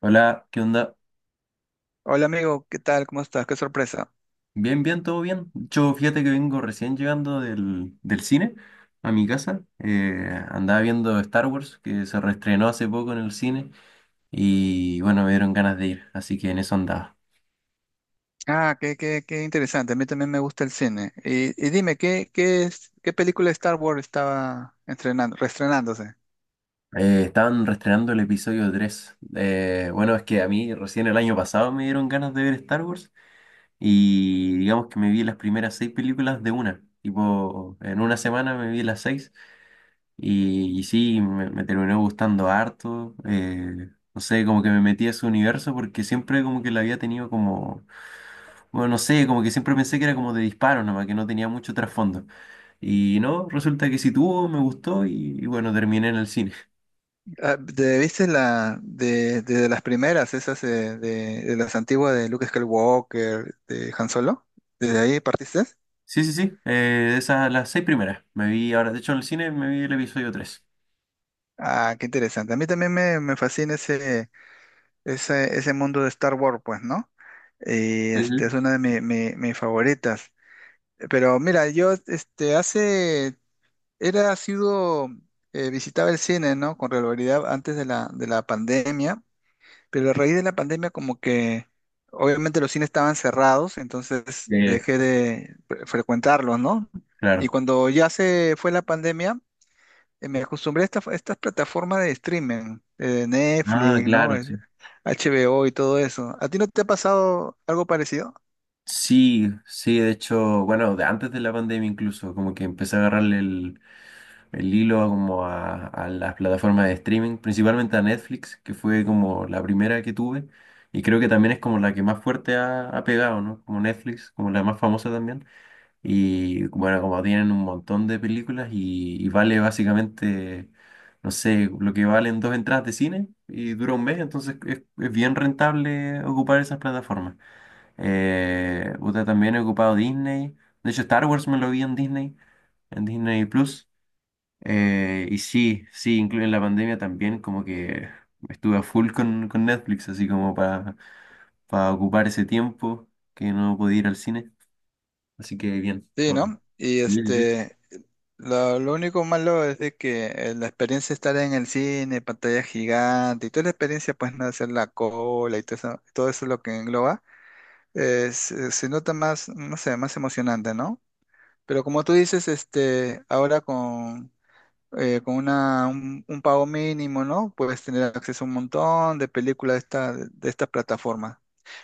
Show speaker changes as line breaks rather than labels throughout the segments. Hola, ¿qué onda?
Hola amigo, ¿qué tal? ¿Cómo estás? Qué sorpresa.
Bien, bien, todo bien. Yo fíjate que vengo recién llegando del cine a mi casa. Andaba viendo Star Wars, que se reestrenó hace poco en el cine. Y bueno, me dieron ganas de ir, así que en eso andaba.
Ah, qué interesante. A mí también me gusta el cine. Y dime, ¿qué película de Star Wars estaba estrenando, reestrenándose?
Estaban reestrenando el episodio 3. Bueno, es que a mí recién el año pasado me dieron ganas de ver Star Wars. Y digamos que me vi las primeras seis películas de una. Tipo, en una semana me vi las seis. Y sí, me terminó gustando harto. No sé, como que me metí a ese universo porque siempre como que la había tenido como, bueno, no sé, como que siempre pensé que era como de disparo nomás, que no tenía mucho trasfondo. Y no, resulta que sí tuvo, me gustó y bueno, terminé en el cine.
Ah, ¿te ¿Viste la de las primeras, esas de las antiguas de Luke Skywalker, de Han Solo? ¿Desde ahí partiste?
Sí, sí, sí, esas las seis primeras. Me vi ahora, de hecho en el cine me vi el episodio
Ah, qué interesante. A mí también me fascina ese mundo de Star Wars, pues, ¿no? Y este es una de mis favoritas. Pero mira, yo este hace Era, ha sido, visitaba el cine, ¿no? Con regularidad antes de la pandemia, pero a raíz de la pandemia como que obviamente los cines estaban cerrados, entonces
3.
dejé de frecuentarlos, ¿no? Y
Claro.
cuando ya se fue la pandemia, me acostumbré a estas plataformas de streaming,
Ah,
Netflix, ¿no?
claro, sí.
HBO y todo eso. ¿A ti no te ha pasado algo parecido?
Sí, sí, de hecho, bueno, de antes de la pandemia incluso, como que empecé a agarrarle el hilo a como a las plataformas de streaming, principalmente a Netflix, que fue como la primera que tuve, y creo que también es como la que más fuerte ha pegado, ¿no? Como Netflix, como la más famosa también, y bueno, como tienen un montón de películas y vale básicamente, no sé, lo que valen dos entradas de cine y dura un mes, entonces es bien rentable ocupar esas plataformas. Puta, también he ocupado Disney, de hecho Star Wars me lo vi en Disney Plus. Y sí, sí, incluso en la pandemia también como que estuve a full con Netflix, así como para ocupar ese tiempo que no podía ir al cine. Así que bien.
Sí,
Todo bien.
¿no? Y
Sí, sí.
este, lo único malo es de que la experiencia de estar en el cine, pantalla gigante y toda la experiencia, pues, no hacer la cola y todo eso lo que engloba, se, se nota más, no sé, más emocionante, ¿no? Pero como tú dices, este, ahora con un pago mínimo, ¿no? Puedes tener acceso a un montón de películas de estas plataformas.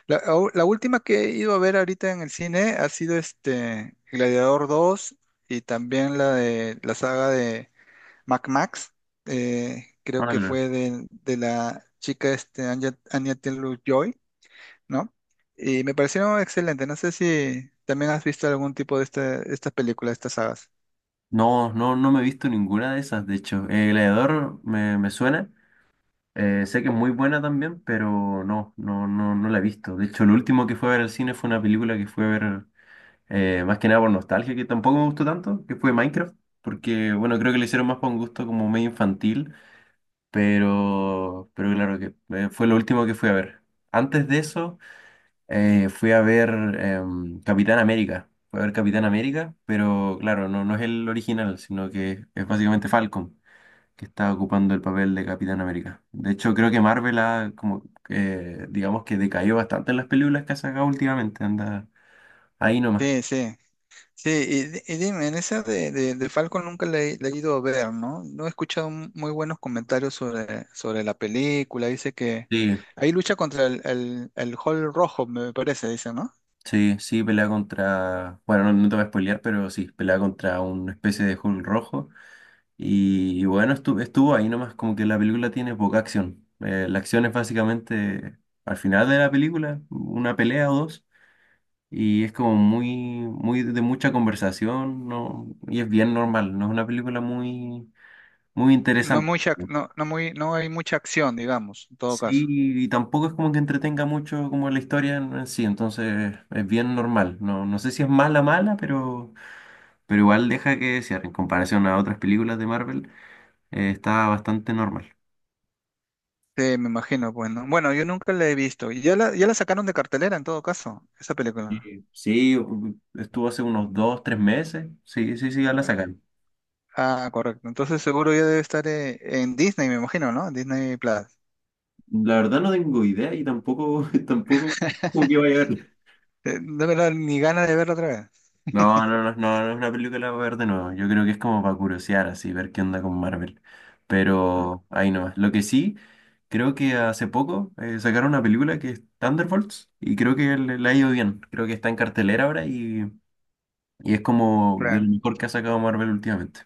La última que he ido a ver ahorita en el cine ha sido este Gladiador dos y también la de la saga de Mac Max.
Ah,
Creo que
claro.
fue de la chica este, Anya Taylor-Joy, ¿no? Y me parecieron excelentes. No sé si también has visto algún tipo de esta, estas películas, estas sagas.
No, no, no me he visto ninguna de esas, de hecho. El Gladiador me suena. Sé que es muy buena también, pero no, no, no, no la he visto. De hecho, lo último que fue a ver al cine fue una película que fue a ver. Más que nada por nostalgia, que tampoco me gustó tanto, que fue Minecraft, porque bueno, creo que lo hicieron más por un gusto como medio infantil, pero claro que fue lo último que fui a ver. Antes de eso, fui a ver Capitán América. Fui a ver Capitán América, pero claro, no, no es el original, sino que es básicamente Falcon, que está ocupando el papel de Capitán América. De hecho, creo que Marvel ha como digamos que decayó bastante en las películas que ha sacado últimamente, anda ahí nomás.
Sí, sí. Sí, y, dime, en esa de Falcon nunca la he ido a ver, ¿no? No he escuchado muy buenos comentarios sobre, sobre la película. Dice que
Sí,
ahí lucha contra el Hall Rojo, me parece, dice, ¿no?
sí, sí, pelea contra. Bueno, no, no te voy a spoilear, pero sí, pelea contra una especie de Hulk rojo. Y, bueno, estuvo, estuvo ahí nomás, como que la película tiene poca acción. La acción es básicamente al final de la película, una pelea o dos. Y es como muy, muy de mucha conversación, ¿no? Y es bien normal, no es una película muy, muy
No
interesante.
mucha, no hay mucha acción, digamos, en todo caso.
Sí, y tampoco es como que entretenga mucho como la historia en sí, entonces es bien normal. No, no sé si es mala, mala, pero. Pero igual deja que desear, en comparación a otras películas de Marvel, está bastante normal.
Sí, me imagino, pues, no. Bueno, yo nunca la he visto. Y ya la sacaron de cartelera en todo caso, esa película.
Y sí, u- estuvo hace unos dos, tres meses. Sí, sí, sí, ya la sacaron.
Ah, correcto. Entonces seguro ya debe estar en Disney, me imagino, ¿no? Disney Plus.
La verdad no tengo idea y tampoco, tampoco como que vaya a verla.
De verdad, ni ganas de verla otra vez.
No, no, no, no, no es una película para ver de nuevo. Yo creo que es como para curiosear, así, ver qué onda con Marvel.
Mm.
Pero ahí nomás. Lo que sí, creo que hace poco sacaron una película que es Thunderbolts y creo que le ha ido bien. Creo que está en cartelera ahora y Y es como de
Claro.
lo mejor que ha sacado Marvel últimamente.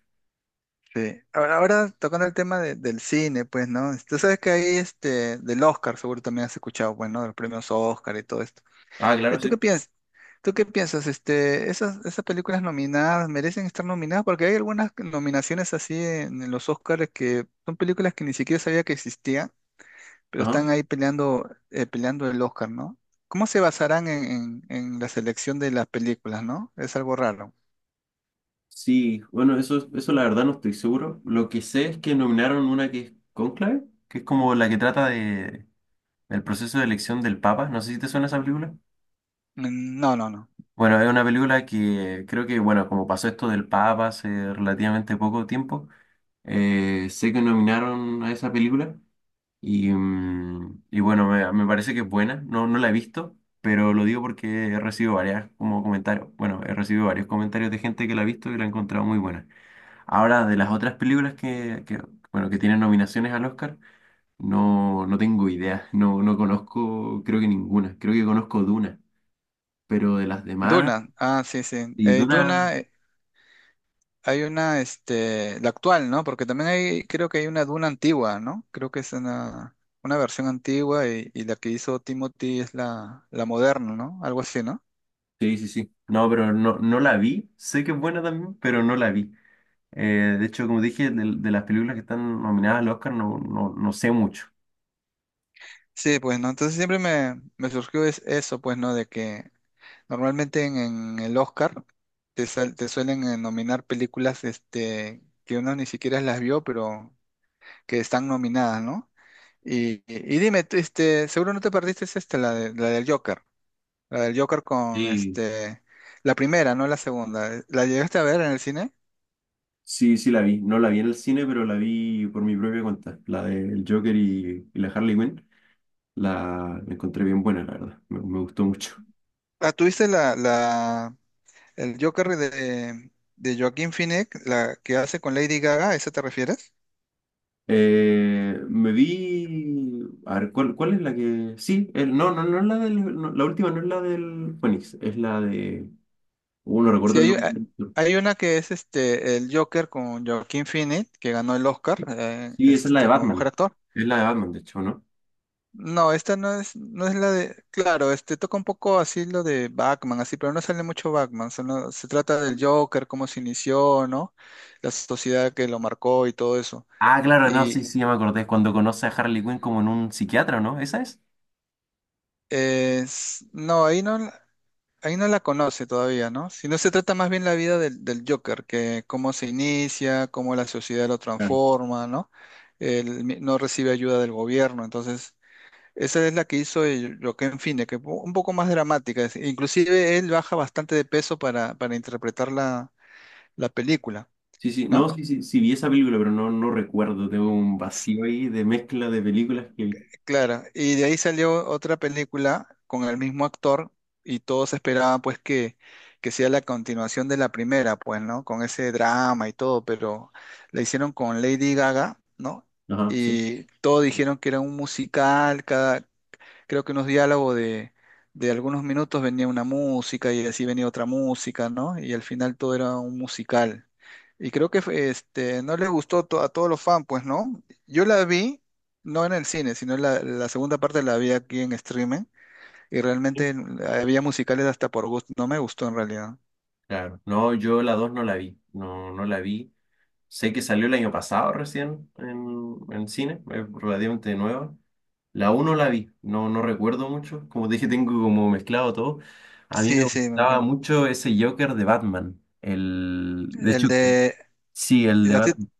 Sí. Ahora tocando el tema de- del cine, pues, ¿no? Este, tú sabes que ahí, este, del Oscar, seguro también has escuchado, bueno, de los premios Oscar y todo esto.
Ah, claro,
¿Tú
sí.
qué piensas? ¿Tú qué piensas? Este, esas películas nominadas merecen estar nominadas porque hay algunas nominaciones así en los Oscars que son películas que ni siquiera sabía que existían, pero
Ajá.
están ahí peleando, peleando el Oscar, ¿no? ¿Cómo se basarán en la selección de las películas, ¿no? Es algo raro.
Sí, bueno, eso la verdad no estoy seguro. Lo que sé es que nominaron una que es Conclave, que es como la que trata de el proceso de elección del Papa. No sé si te suena esa película.
Mm, no, no, no.
Bueno, es una película que creo que, bueno, como pasó esto del Papa hace relativamente poco tiempo, sé que nominaron a esa película. Y, mm, y bueno, me parece que es buena, no, no la he visto, pero lo digo porque he recibido varias como comentarios, bueno, he recibido varios comentarios de gente que la ha visto y la ha encontrado muy buena. Ahora, de las otras películas que bueno, que tienen nominaciones al Oscar, no, no tengo idea, no, no conozco, creo que ninguna, creo que conozco Duna, pero de las demás,
Duna, ah, sí, sí.
y
Duna.
Duna,
Hay una, este, la actual, ¿no? Porque también hay, creo que hay una duna antigua, ¿no? Creo que es una versión antigua y la que hizo Timothy es la, la moderna, ¿no? Algo así, ¿no?
sí, sí, sí, no, pero no, no la vi, sé que es buena también, pero no la vi. De hecho, como dije, de las películas que están nominadas al Oscar no, no, no sé mucho.
Sí, pues, ¿no? Entonces siempre me surgió es eso, pues, ¿no? De que normalmente en el Oscar te, te suelen nominar películas, este, que uno ni siquiera las vio, pero que están nominadas, ¿no? Y, y dime, tú, este, seguro no te perdiste es esta, la del Joker. La del Joker con
Sí,
este. La primera, no la segunda. ¿La llegaste a ver en el cine?
sí, sí la vi. No la vi en el cine, pero la vi por mi propia cuenta. La del Joker y la Harley Quinn. La encontré bien buena, la verdad. Me gustó mucho.
Ah, ¿tuviste el Joker de Joaquín Phoenix, la que hace con Lady Gaga? ¿A esa te refieres?
Me vi... A ver, ¿cuál, cuál es la que...? Sí, el- no, no, no es la del... no, la última no es la del Phoenix. Es la de... no
Sí,
recuerdo el
hay,
nombre.
hay una que es este el Joker con Joaquín Phoenix, que ganó el Oscar,
Sí, esa es la de
este, como mejor
Batman.
actor.
Es la de Batman, de hecho, ¿no?
No, esta no es, no es la de. Claro, este toca un poco así lo de Batman, así, pero no sale mucho Batman. Solo se trata del Joker, cómo se inició, ¿no? La sociedad que lo marcó y todo eso.
Ah, claro, no, sí,
Y
sí, ya me acordé. Es cuando conoce a Harley Quinn como en un psiquiatra, ¿no? ¿Esa es?
es, no, ahí no, ahí no la conoce todavía, ¿no? Sino se trata más bien la vida del Joker, que cómo se inicia, cómo la sociedad lo
Claro.
transforma, ¿no? Él no recibe ayuda del gobierno, entonces esa es la que hizo el Joaquin Phoenix, que fue un poco más dramática. Es- inclusive él baja bastante de peso para interpretar la, la película,
Sí, sí, no,
¿no?
sí, sí, sí vi esa película, pero no, no recuerdo. Tengo un
S-
vacío ahí de mezcla de películas que vi.
Claro. Y de ahí salió otra película con el mismo actor y todos esperaban pues que sea la continuación de la primera, pues, ¿no? Con ese drama y todo, pero la hicieron con Lady Gaga, ¿no?
Ajá, sí.
Y todos dijeron que era un musical, creo que unos diálogos de algunos minutos venía una música y así venía otra música, ¿no? Y al final todo era un musical. Y creo que fue, este, no les gustó a todos los fans, pues, ¿no? Yo la vi, no en el cine, sino la segunda parte la vi aquí en streaming y realmente había musicales hasta por gusto, no me gustó en realidad.
Claro. No, yo la 2 no la vi. No, no la vi. Sé que salió el año pasado recién en cine, es relativamente nueva. La uno no la vi, no, no recuerdo mucho. Como te dije, tengo como mezclado todo. A mí me
Sí, sí, me
gustaba
imagino.
mucho ese Joker de Batman. El, de
El
hecho,
de,
sí, el de
¿a ti-
Batman.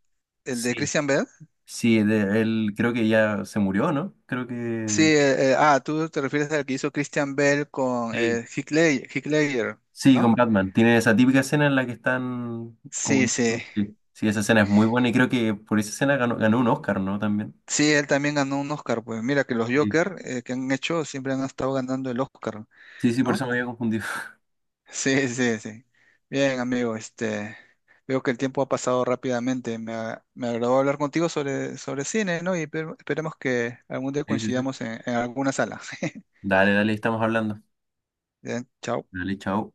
el de
Sí,
Christian Bell.
sí, de- él creo que ya se murió, ¿no? Creo
Sí,
que
tú te refieres al que hizo Christian Bell con
sí.
Heath Ledger,
Sí,
¿no?
con Batman. Tiene esa típica escena en la que están
Sí,
como...
sí.
Sí, sí, esa escena es muy buena y creo que por esa escena ganó, ganó un Oscar, ¿no? También.
Sí, él también ganó un Oscar, pues mira que los
Sí.
Joker que han hecho siempre han estado ganando el Oscar,
Sí, sí, por eso
¿no?
me había confundido.
Sí, sí, sí. Bien, amigo, este, veo que el tiempo ha pasado rápidamente. Me, me agradó hablar contigo sobre, sobre cine, ¿no? Y esperemos que algún día
Sí, sí, sí.
coincidamos en alguna sala.
Dale, dale, estamos hablando.
Bien, chao.
Dale, chao.